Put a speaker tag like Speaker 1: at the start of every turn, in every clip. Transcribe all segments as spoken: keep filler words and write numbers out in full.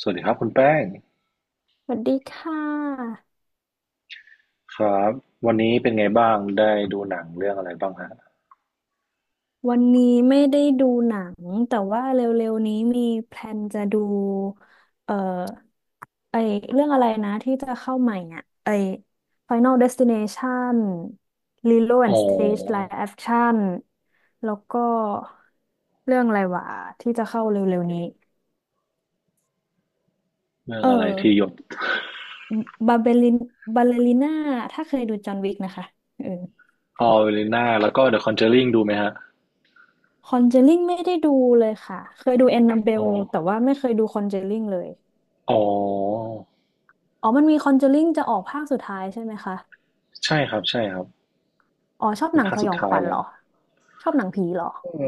Speaker 1: สวัสดีครับคุณแป้ง
Speaker 2: สวัสดีค่ะ
Speaker 1: ครับวันนี้เป็นไงบ้างได้ดูหนังเรื่องอะไรบ้างฮะ
Speaker 2: วันนี้ไม่ได้ดูหนังแต่ว่าเร็วๆนี้มีแพลนจะดูเอ่อไอเรื่องอะไรนะที่จะเข้าใหม่อ่ะไอ Final Destination Lilo
Speaker 1: อ๋
Speaker 2: and
Speaker 1: อ
Speaker 2: Stitch Live Action แล้วก็เรื่องอะไรวะที่จะเข้าเร็วๆนี้
Speaker 1: เรื่อง
Speaker 2: เออ
Speaker 1: อะไรที่หยด
Speaker 2: บาเบลินบาเลริน่าถ้าเคยดูจอห์นวิกนะคะเออ
Speaker 1: ออเวลิน่าแล้วก็ The Conjuring ดูไหมฮะ
Speaker 2: คอนเจลิ่งไม่ได้ดูเลยค่ะเคยดูแอนนาเบ
Speaker 1: อ๋อ
Speaker 2: ลแต่ว่าไม่เคยดูคอนเจลิ่งเลย
Speaker 1: อ๋อ
Speaker 2: อ๋อมันมีคอนเจอริงจะออกภาคสุดท้ายใช่ไหมคะ
Speaker 1: ใช่ครับใช่ครับ
Speaker 2: อ๋อชอบ
Speaker 1: เป็
Speaker 2: ห
Speaker 1: น
Speaker 2: นัง
Speaker 1: ภาค
Speaker 2: ส
Speaker 1: สุ
Speaker 2: ย
Speaker 1: ด
Speaker 2: องข
Speaker 1: ท้าย
Speaker 2: วัญเห
Speaker 1: แล้
Speaker 2: ร
Speaker 1: ว
Speaker 2: อ ชอบหนังผีเหรอ
Speaker 1: เอื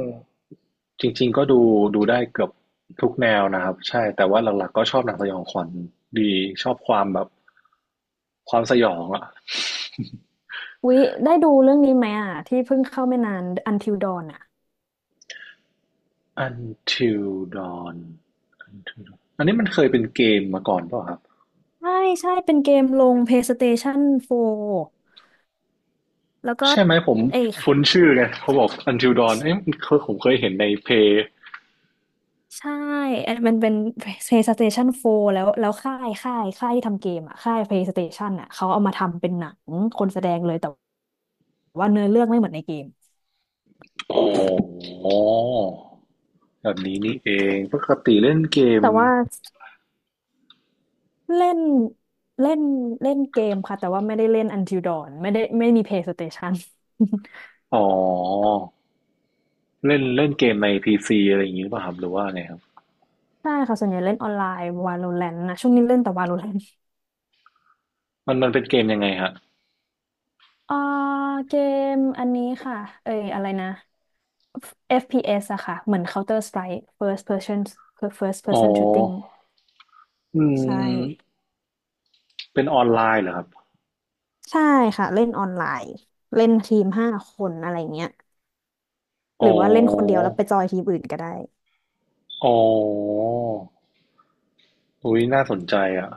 Speaker 1: จริงๆก็ดูดูได้เกือบทุกแนวนะครับใช่แต่ว่าหลักๆก็ชอบหนังสยองขวัญดีชอบความแบบความสยองอะ
Speaker 2: วิได้ดูเรื่องนี้ไหมอ่ะที่เพิ่งเข้าไม่นาน Until Dawn อ่ะ
Speaker 1: Until Dawn Until Dawn อันนี้มันเคยเป็นเกมมาก่อนเปล่าครับ
Speaker 2: ใช่ใช่เป็นเกมลง PlayStation สี่แล้วก็
Speaker 1: ใช่ไหมผม
Speaker 2: เอย
Speaker 1: คุ้นชื่อไงเขาบอก Until Dawn เอ้ยมันเคยผมเคยเห็นในเพย์
Speaker 2: ใช่เอ้ยมันเป็น PlayStation สี่แล้ว แล้วค่ายค่ายค่ายที่ทำเกมอ่ะค่าย PlayStation อ่ะเขาเอามาทำเป็นหนังคนแสดงเลย แต่ว่าเนื้อเรื่องไม่เหมือนในเกม
Speaker 1: อ๋อแบบนี้นี่เองปกติเล่นเกม
Speaker 2: แต่ว่า เล่นเล่นเล่นเกมค่ะแต่ว่าไม่ได้เล่น Until Dawn ไม่ได้ไม่มี PlayStation
Speaker 1: อ๋อเล่นเล่นเกมในพีซีอะไรอย่างนี้หรือเปล่ะครับหรือว่าไงครับ
Speaker 2: ใช่ค่ะส่วนใหญ่เล่นออนไลน์ Valorant นะช่วงนี้เล่นแต่ Valorant
Speaker 1: มันมันเป็นเกมยังไงฮะ
Speaker 2: เอ่อเกมอันนี้ค่ะเอ้ยอะไรนะ เอฟ พี เอส อฟพีเอสอะค่ะเหมือน Counter Strike First Person First
Speaker 1: อ๋อ
Speaker 2: Person Shooting
Speaker 1: อื
Speaker 2: ใช่
Speaker 1: มเป็นออนไลน์เหรอครับ
Speaker 2: ใช่ค่ะเล่นออนไลน์เล่นทีมห้าคนอะไรเงี้ยหรื
Speaker 1: อ๋อ
Speaker 2: อว่าเล่นคนเดียวแล้วไปจอยทีมอื่นก็ได้
Speaker 1: อ๋ออุ้ยน่าสนใจอ่ะ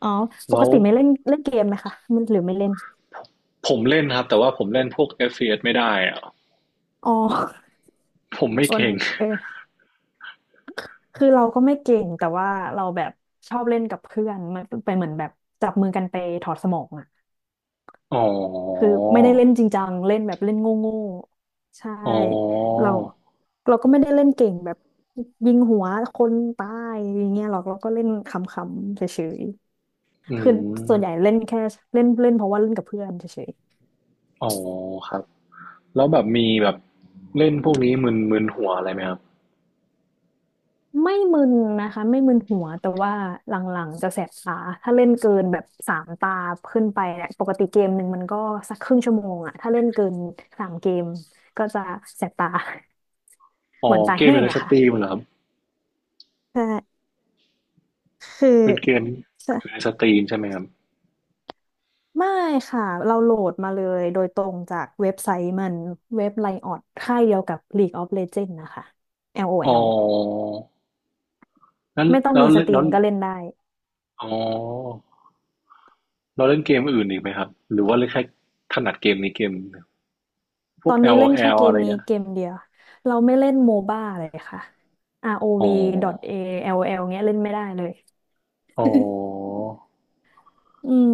Speaker 2: อ๋อปก
Speaker 1: แล้ว
Speaker 2: ติไม่เล่นเล่นเกมไหมคะมันหรือไม่เล่น
Speaker 1: ผมเล่นครับแต่ว่าผมเล่นพวก เอฟ พี เอส ไม่ได้อ่ะ
Speaker 2: อ๋อ
Speaker 1: ผมไม่
Speaker 2: ส่วน
Speaker 1: เก่ง
Speaker 2: เออคือเราก็ไม่เก่งแต่ว่าเราแบบชอบเล่นกับเพื่อนมันไปเหมือนแบบจับมือกันไปถอดสมองอ่ะ
Speaker 1: อ๋อ
Speaker 2: คือไม่ได้เล่นจริงจังเล่นแบบเล่นโง่ๆใช่
Speaker 1: อ๋อ
Speaker 2: เราเราก็ไม่ได้เล่นเก่งแบบยิงหัวคนตายอย่างเงี้ยหรอกเราก็เล่นขำๆเฉยๆ
Speaker 1: อื
Speaker 2: คือ
Speaker 1: ม
Speaker 2: ส่วนใหญ่เล่นแค่เล่นเล่นเพราะว่าเล่นกับเพื่อนเฉย
Speaker 1: อ๋อครับแล้วแบบมีแบบเล่นพวกนี้มึนมึนหัวอะไรไหมครับ
Speaker 2: ไม่มึนนะคะไม่มึนหัวแต่ว่าหลังๆจะแสบตาถ้าเล่นเกินแบบสามตาขึ้นไปเนี่ยปกติเกมหนึ่งมันก็สักครึ่งชั่วโมงอะถ้าเล่นเกินสามเกมก็จะแสบตา
Speaker 1: อ๋
Speaker 2: เห
Speaker 1: อ
Speaker 2: มือนตา
Speaker 1: เกม
Speaker 2: แห้
Speaker 1: อยู่
Speaker 2: ง
Speaker 1: ใน
Speaker 2: อะ
Speaker 1: สต
Speaker 2: ค่ะ
Speaker 1: รีมเหรอครับ
Speaker 2: ใช่คือ
Speaker 1: เป็นเกม
Speaker 2: ใช่
Speaker 1: อยู่ในสตรีมใช่ไหมครับ
Speaker 2: ไม่ค่ะเราโหลดมาเลยโดยตรงจากเว็บไซต์มันเว็บไลออดค่ายเดียวกับ League of Legends นะคะ
Speaker 1: อ๋อ
Speaker 2: LOL
Speaker 1: นั้น
Speaker 2: ไม่ต้อง
Speaker 1: แล้ว
Speaker 2: มีส
Speaker 1: เล่น
Speaker 2: ตรี
Speaker 1: แล้ว
Speaker 2: มก็เล่นได้
Speaker 1: อ๋อเราเล่นเกมอื่นอีกไหมครับหรือว่าเล่นแค่ถนัดเกมนี้เกมเดียวพ
Speaker 2: ต
Speaker 1: ว
Speaker 2: อ
Speaker 1: ก
Speaker 2: นนี้
Speaker 1: LOL อลโอ
Speaker 2: เล่น
Speaker 1: แอ
Speaker 2: แค่
Speaker 1: ล
Speaker 2: เก
Speaker 1: อะ
Speaker 2: ม
Speaker 1: ไร
Speaker 2: นี้
Speaker 1: เงี้ย
Speaker 2: เกมเดียวเราไม่เล่นโมบ้าเลยค่ะ
Speaker 1: อ๋อ
Speaker 2: อาร์ โอ วี .A แอล แอล เงี้ยเล่นไม่ได้เลย
Speaker 1: อ๋อ
Speaker 2: อืม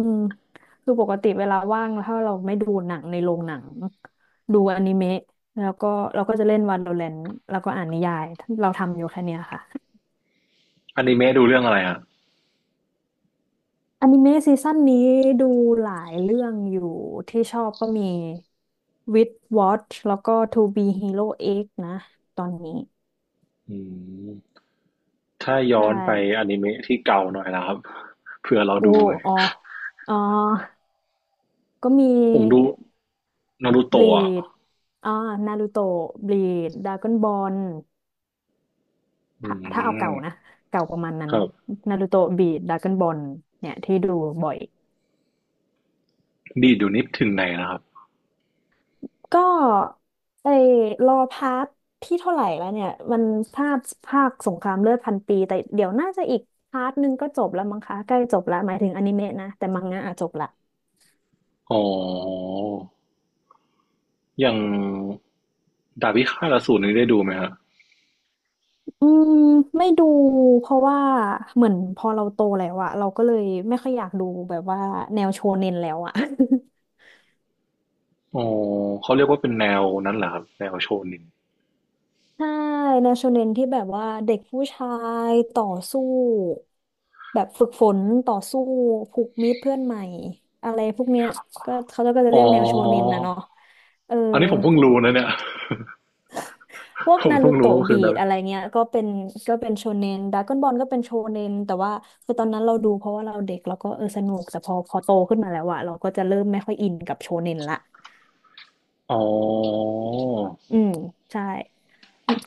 Speaker 2: คือปกติเวลาว่างถ้าเราไม่ดูหนังในโรงหนังดูอนิเมะแล้วก็เราก็จะเล่น Valorant แล้วก็อ่านนิยายเราทำอยู่แค่เนี้ยค่ะ
Speaker 1: อนิเมะดูเรื่องอะไรอ่ะ
Speaker 2: อนิเมะซีซั่นนี้ดูหลายเรื่องอยู่ที่ชอบก็มี With Watch แล้วก็ To Be Hero X นะตอนนี้
Speaker 1: อืมถ้าย้
Speaker 2: ใช่
Speaker 1: อนไปอนิเมะที่เก่าหน่อยนะครับเผื่อเรา
Speaker 2: โอ้
Speaker 1: ดูไว้
Speaker 2: อ๋ออ๋อ ก็มี
Speaker 1: ผมดู นารู
Speaker 2: บลี
Speaker 1: โตะอ่ะ
Speaker 2: ดอ่านารูโตะบลีดดราก้อนบอล
Speaker 1: อื
Speaker 2: ถ้าถ้าเอาเก่า
Speaker 1: ม
Speaker 2: นะเก่าประมาณนั้น
Speaker 1: ครับ
Speaker 2: นารูโตะบลีดดราก้อนบอลเนี่ยที่ดูบ่อย
Speaker 1: ดีดอยู่นิดถึงไหนนะครับ
Speaker 2: ก็ไอ้รอพาร์ทที่เท่าไหร่แล้วเนี่ยมันภาคภาคสงครามเลือดพันปีแต่เดี๋ยวน่าจะอีกพาร์ทหนึงก็จบแล้วมั้งคะใกล้จบแล้วหมายถึงอนิเมะนะแต่มังงะอะจบละ
Speaker 1: อ๋ออย่างดาบพิฆาตอสูรนี่ได้ดูไหมฮะ
Speaker 2: อืมไม่ดูเพราะว่าเหมือนพอเราโตแล้วอะเราก็เลยไม่ค่อยอยากดูแบบว่าแนวโชเน็นแล้วอะ
Speaker 1: อ๋อ เขาเรียกว่าเป็นแนวนั้นเหรอครับแนวโชนิน
Speaker 2: ใช่แนวโชเน็นที่แบบว่าเด็กผู้ชายต่อสู้แบบฝึกฝนต่อสู้ผูกมิตรเพื่อนใหม่อะไรพวกเนี้ยก็เขาก็จะ
Speaker 1: อ๋อ
Speaker 2: เรียกแนวโชเน็นนะเนาะเออ
Speaker 1: อันนี้ผมเพิ่งรู้นะเนี่ย
Speaker 2: พวก
Speaker 1: ผม
Speaker 2: นารู
Speaker 1: เพิ่งรู้
Speaker 2: โตะ
Speaker 1: ว่าคื
Speaker 2: บี
Speaker 1: อแนว
Speaker 2: ดอะไรเงี้ยก็เป็นก็เป็นโชเนนดราก้อนบอลก็เป็นโชเนนแต่ว่าคือตอนนั้นเราดูเพราะว่าเราเด็กเราก็เออสนุกแต่พอพอโตขึ้นมาแล้วอะเราก็จะเริ่มไม่ค่อยอินกับโชเนนละ
Speaker 1: อ๋อ
Speaker 2: อืมใช่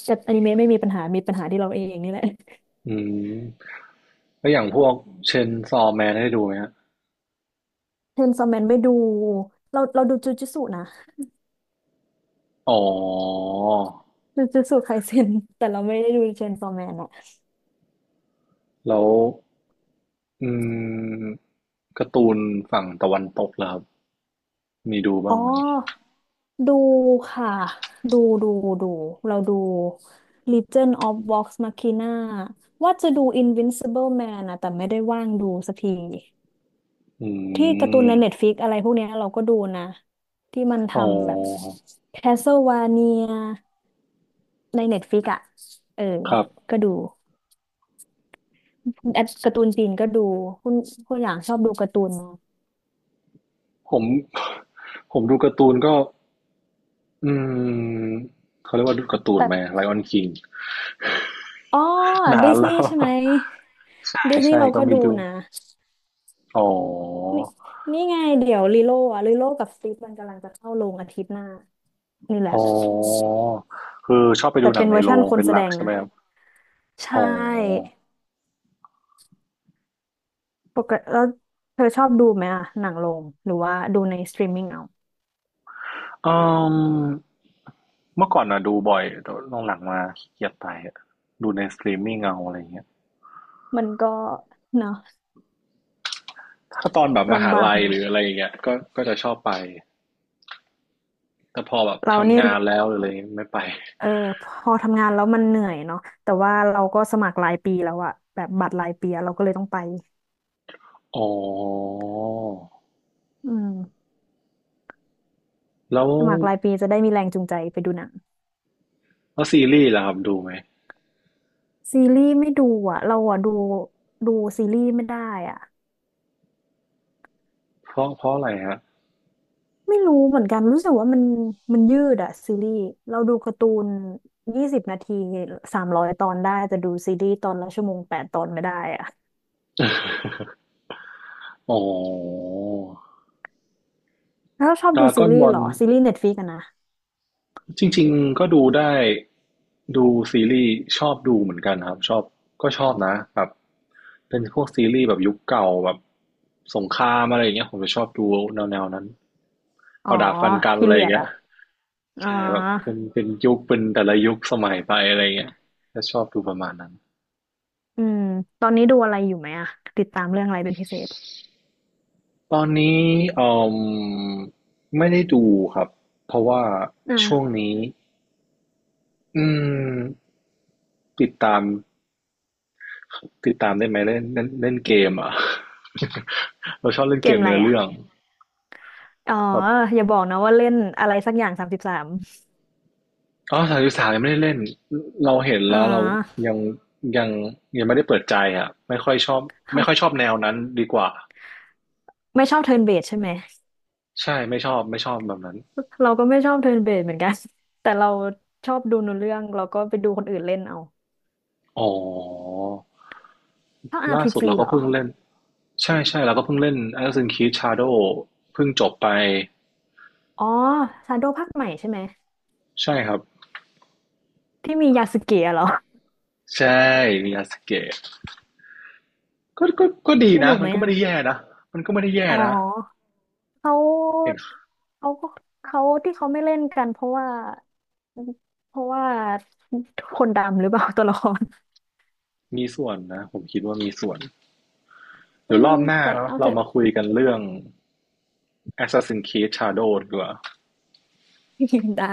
Speaker 2: แต่อนิเมะไม่มีปัญหามีปัญหาที่เราเองนี่แหละ
Speaker 1: อืม แล้วอย่างพวกเชนซอแมนได้ดูไหมฮะ
Speaker 2: เชนซอแมนไม่ดูเราเราดูจูจูตสุนะ
Speaker 1: อ๋อ
Speaker 2: จูจูตสุไคเซ็นแต่เราไม่ได้ดูเชนซอแมนอะ
Speaker 1: แล้ว อืมการ์ตูนฝั่งตะวันตกล่ะครับมีดู
Speaker 2: อ๋
Speaker 1: บ้างไหม
Speaker 2: อ ดูค่ะดูดูดูเราดู Legion of Vox Machina ว่าจะดู Invincible Man นะแต่ไม่ได้ว่างดูสักที
Speaker 1: อื
Speaker 2: ที่การ์ตูน
Speaker 1: ม
Speaker 2: ใน Netflix อะไรพวกเนี้ยเราก็ดูนะที่มัน
Speaker 1: อ๋อ
Speaker 2: ทำแบบ Castlevania ใน Netflix อ่ะเออ
Speaker 1: ครับ
Speaker 2: ก็ดูแอดการ์ตูนจีนก็ดูคุณคุณอย่างชอบดูการ์ตูน
Speaker 1: ผม ผมดูการ์ตูนก็ อืม เขาเรียกว่าดูการ์ตูนไหม
Speaker 2: แต่
Speaker 1: Lion King นคิง
Speaker 2: อ๋อ
Speaker 1: นา
Speaker 2: ดิ
Speaker 1: น
Speaker 2: สนี
Speaker 1: แล้
Speaker 2: ย์
Speaker 1: ว
Speaker 2: ใช่ไหม
Speaker 1: ใช่
Speaker 2: ดิสนี
Speaker 1: ใช่
Speaker 2: ย์เรา
Speaker 1: ก็
Speaker 2: ก็
Speaker 1: มี
Speaker 2: ดู
Speaker 1: ดู
Speaker 2: นะ
Speaker 1: อ๋อ
Speaker 2: นี่นี่ไง เดี๋ยวลิโลอะลิโลกับสติฟมันกำลังจะเข้าโรงอาทิตย์หน้า นี่แหละ
Speaker 1: อ๋อ คือชอบไปดู
Speaker 2: แต่
Speaker 1: หนั
Speaker 2: เป็
Speaker 1: ง
Speaker 2: น
Speaker 1: ใน
Speaker 2: เวอร์
Speaker 1: โร
Speaker 2: ชั่น
Speaker 1: ง
Speaker 2: คน
Speaker 1: เป็น
Speaker 2: แส
Speaker 1: ห
Speaker 2: ด
Speaker 1: ลัก
Speaker 2: ง
Speaker 1: ใช่ไหม
Speaker 2: นะ
Speaker 1: ครับ
Speaker 2: ใช
Speaker 1: อ๋
Speaker 2: ่
Speaker 1: อ
Speaker 2: ปกติแล้วเธอชอบดูไหมอะหนังโรง หรือว่าดูในสตรีมมิ่งเอา
Speaker 1: อืมเมื่อก่อนน่ะดูบ่อยแต่หลังๆมาขี้เกียจไปอะดูในสตรีมมิ่งเอาอะไรเงี้ย
Speaker 2: มันก็ เนาะ
Speaker 1: ถ้าตอนแบบมหา
Speaker 2: ลำบาก
Speaker 1: ลั
Speaker 2: อ
Speaker 1: ย
Speaker 2: ยู่
Speaker 1: หรืออะไรอย่างเงี้ยก็ก็จะชอบไป แต่พอแบบ
Speaker 2: เราเนี่
Speaker 1: ทำ
Speaker 2: ย
Speaker 1: งานแล้วหรืออะไรไม่ไป
Speaker 2: เออพอทำงานแล้วมันเหนื่อยเนาะแต่ว่าเราก็สมัครรายปีแล้วอะแบบบัตรรายปีอะเราก็เลยต้องไป
Speaker 1: อ๋อ
Speaker 2: อืม
Speaker 1: แล้ว
Speaker 2: สมัครรายปีจะได้มีแรงจูงใจไปดูหนัง
Speaker 1: แล้วซีรีส์ล่ะครับดูไหม
Speaker 2: ซีรีส์ไม่ดูอะเราอะดูดูซีรีส์ไม่ได้อะ
Speaker 1: เพราะเพราะอะไรฮะ
Speaker 2: ไม่รู้เหมือนกันรู้สึกว่ามันมันยืดอะซีรีส์เราดูการ์ตูนยี่สิบนาทีสามร้อยตอนได้แต่ดูซีรีส์ตอนละชั่วโมงแปดตอนไม่ได้อะ
Speaker 1: อ๋อ
Speaker 2: แล้วชอบ
Speaker 1: ดร
Speaker 2: ดู
Speaker 1: a ก
Speaker 2: ซี
Speaker 1: o n
Speaker 2: รี
Speaker 1: b
Speaker 2: ส์
Speaker 1: a
Speaker 2: เหรอซีรีส์เน็ตฟลิกอะนะ
Speaker 1: จริงๆก็ดูได้ดูซีรีส์ชอบดูเหมือนกันครับชอบก็ชอบนะแบบเป็นพวกซีรีส์แบบยุคเก่าแบบสงครามอะไรอย่างเงี้ยผมจะชอบดูแนวๆนั้น
Speaker 2: อ๋อ
Speaker 1: เอาดาบฟันกัน
Speaker 2: พี
Speaker 1: อะไร
Speaker 2: เรี
Speaker 1: อ
Speaker 2: ย
Speaker 1: ย่าง
Speaker 2: ด
Speaker 1: เงี้ย
Speaker 2: อะอ๋อ
Speaker 1: อ่าแบบเป็นเป็นยุคเป็นแต่ละยุคสมัยไปอะไรอย่างเงี้ยจะชอบดูประมาณนั้น
Speaker 2: อืมตอนนี้ดูอะไรอยู่ไหมอะติดตามเรื่องอะไรเป็นพิเศษ
Speaker 1: ตอนนี้เอ่อไม่ได้ดูครับเพราะว่าช่วง
Speaker 2: อ่า
Speaker 1: นี้อืมติดตามติดตามได้ไหมเล่นเล่นเล่นเกมอ่ะ เราชอบเล่น
Speaker 2: เก
Speaker 1: เก
Speaker 2: ม
Speaker 1: ม
Speaker 2: อะไร
Speaker 1: เนื้อเรื่อง
Speaker 2: อะอ๋อ
Speaker 1: แบบ
Speaker 2: อย่าบอกนะว่าเล่นอะไรสักอย่างสามสิบสาม
Speaker 1: อ๋อสามสิบสามยังไม่ได้เล่นเราเห็น
Speaker 2: อ๋อ
Speaker 1: แล้วเรายังยังยังไม่ได้เปิดใจอ่ะไม่ค่อยชอบไม่ค่อยช
Speaker 2: ท
Speaker 1: อบแนวนั้นดีกว่า
Speaker 2: ำไม่ชอบเทิร์นเบสใช่ไหม
Speaker 1: ใช่ไม่ชอบไม่ชอบแบบนั้น
Speaker 2: เราก็ไม่ชอบเทิร์นเบสเหมือนกัน แต่เราชอบดูหนูเรื่องเราก็ไปดูคนอื่นเล่นเอา
Speaker 1: อ๋อ
Speaker 2: ชอบ
Speaker 1: ล่าสุด
Speaker 2: อาร์ พี จี
Speaker 1: เราก็
Speaker 2: เหรอ
Speaker 1: เพิ่งเล่นใช่ใช่เราก็เพิ่งเล่น Assassin's Creed Shadow เพิ่งจบไป
Speaker 2: อ๋อซาโดภาคใหม่ใช่ไหม
Speaker 1: ใช่ครับ
Speaker 2: ที่มียาสึเกะเหรอ
Speaker 1: ใช่มียาสเกะก็ก็ก็ดี
Speaker 2: ส
Speaker 1: นะ
Speaker 2: นุก
Speaker 1: มั
Speaker 2: ไห
Speaker 1: น
Speaker 2: ม
Speaker 1: ก็ไม่
Speaker 2: อ่ะ
Speaker 1: ได้แย่นะมันก็ไม่ได้แย่
Speaker 2: อ๋อ
Speaker 1: นะ
Speaker 2: เขา
Speaker 1: เห็น
Speaker 2: เขาก็เขาที่เขาไม่เล่นกันเพราะว่าเพราะว่าคนดำหรือเปล่า ตัวละคร
Speaker 1: มีส่วนนะผมคิดว่ามีส่วน
Speaker 2: อื
Speaker 1: เดี๋ยวร
Speaker 2: ม
Speaker 1: อบหน้า
Speaker 2: แต่
Speaker 1: เนาะ
Speaker 2: เอาเถ
Speaker 1: เรา
Speaker 2: อะ
Speaker 1: มาคุยกันเรื่อง Assassin's Creed Shadow ดีกว่า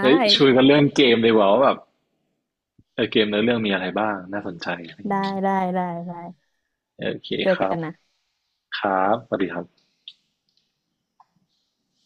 Speaker 1: เฮ้ยช วนกันเรื่องเกมดีกว่าว่าแบบเออเกมเนื้อเรื่องมีอะไรบ้างน่าสนใจอะไรอย่า
Speaker 2: ได้
Speaker 1: งนี้
Speaker 2: ได้ได้ได้ได้
Speaker 1: โอเค
Speaker 2: เจอ
Speaker 1: ครั
Speaker 2: กั
Speaker 1: บ
Speaker 2: นนะ
Speaker 1: ครับสวัสดีครับ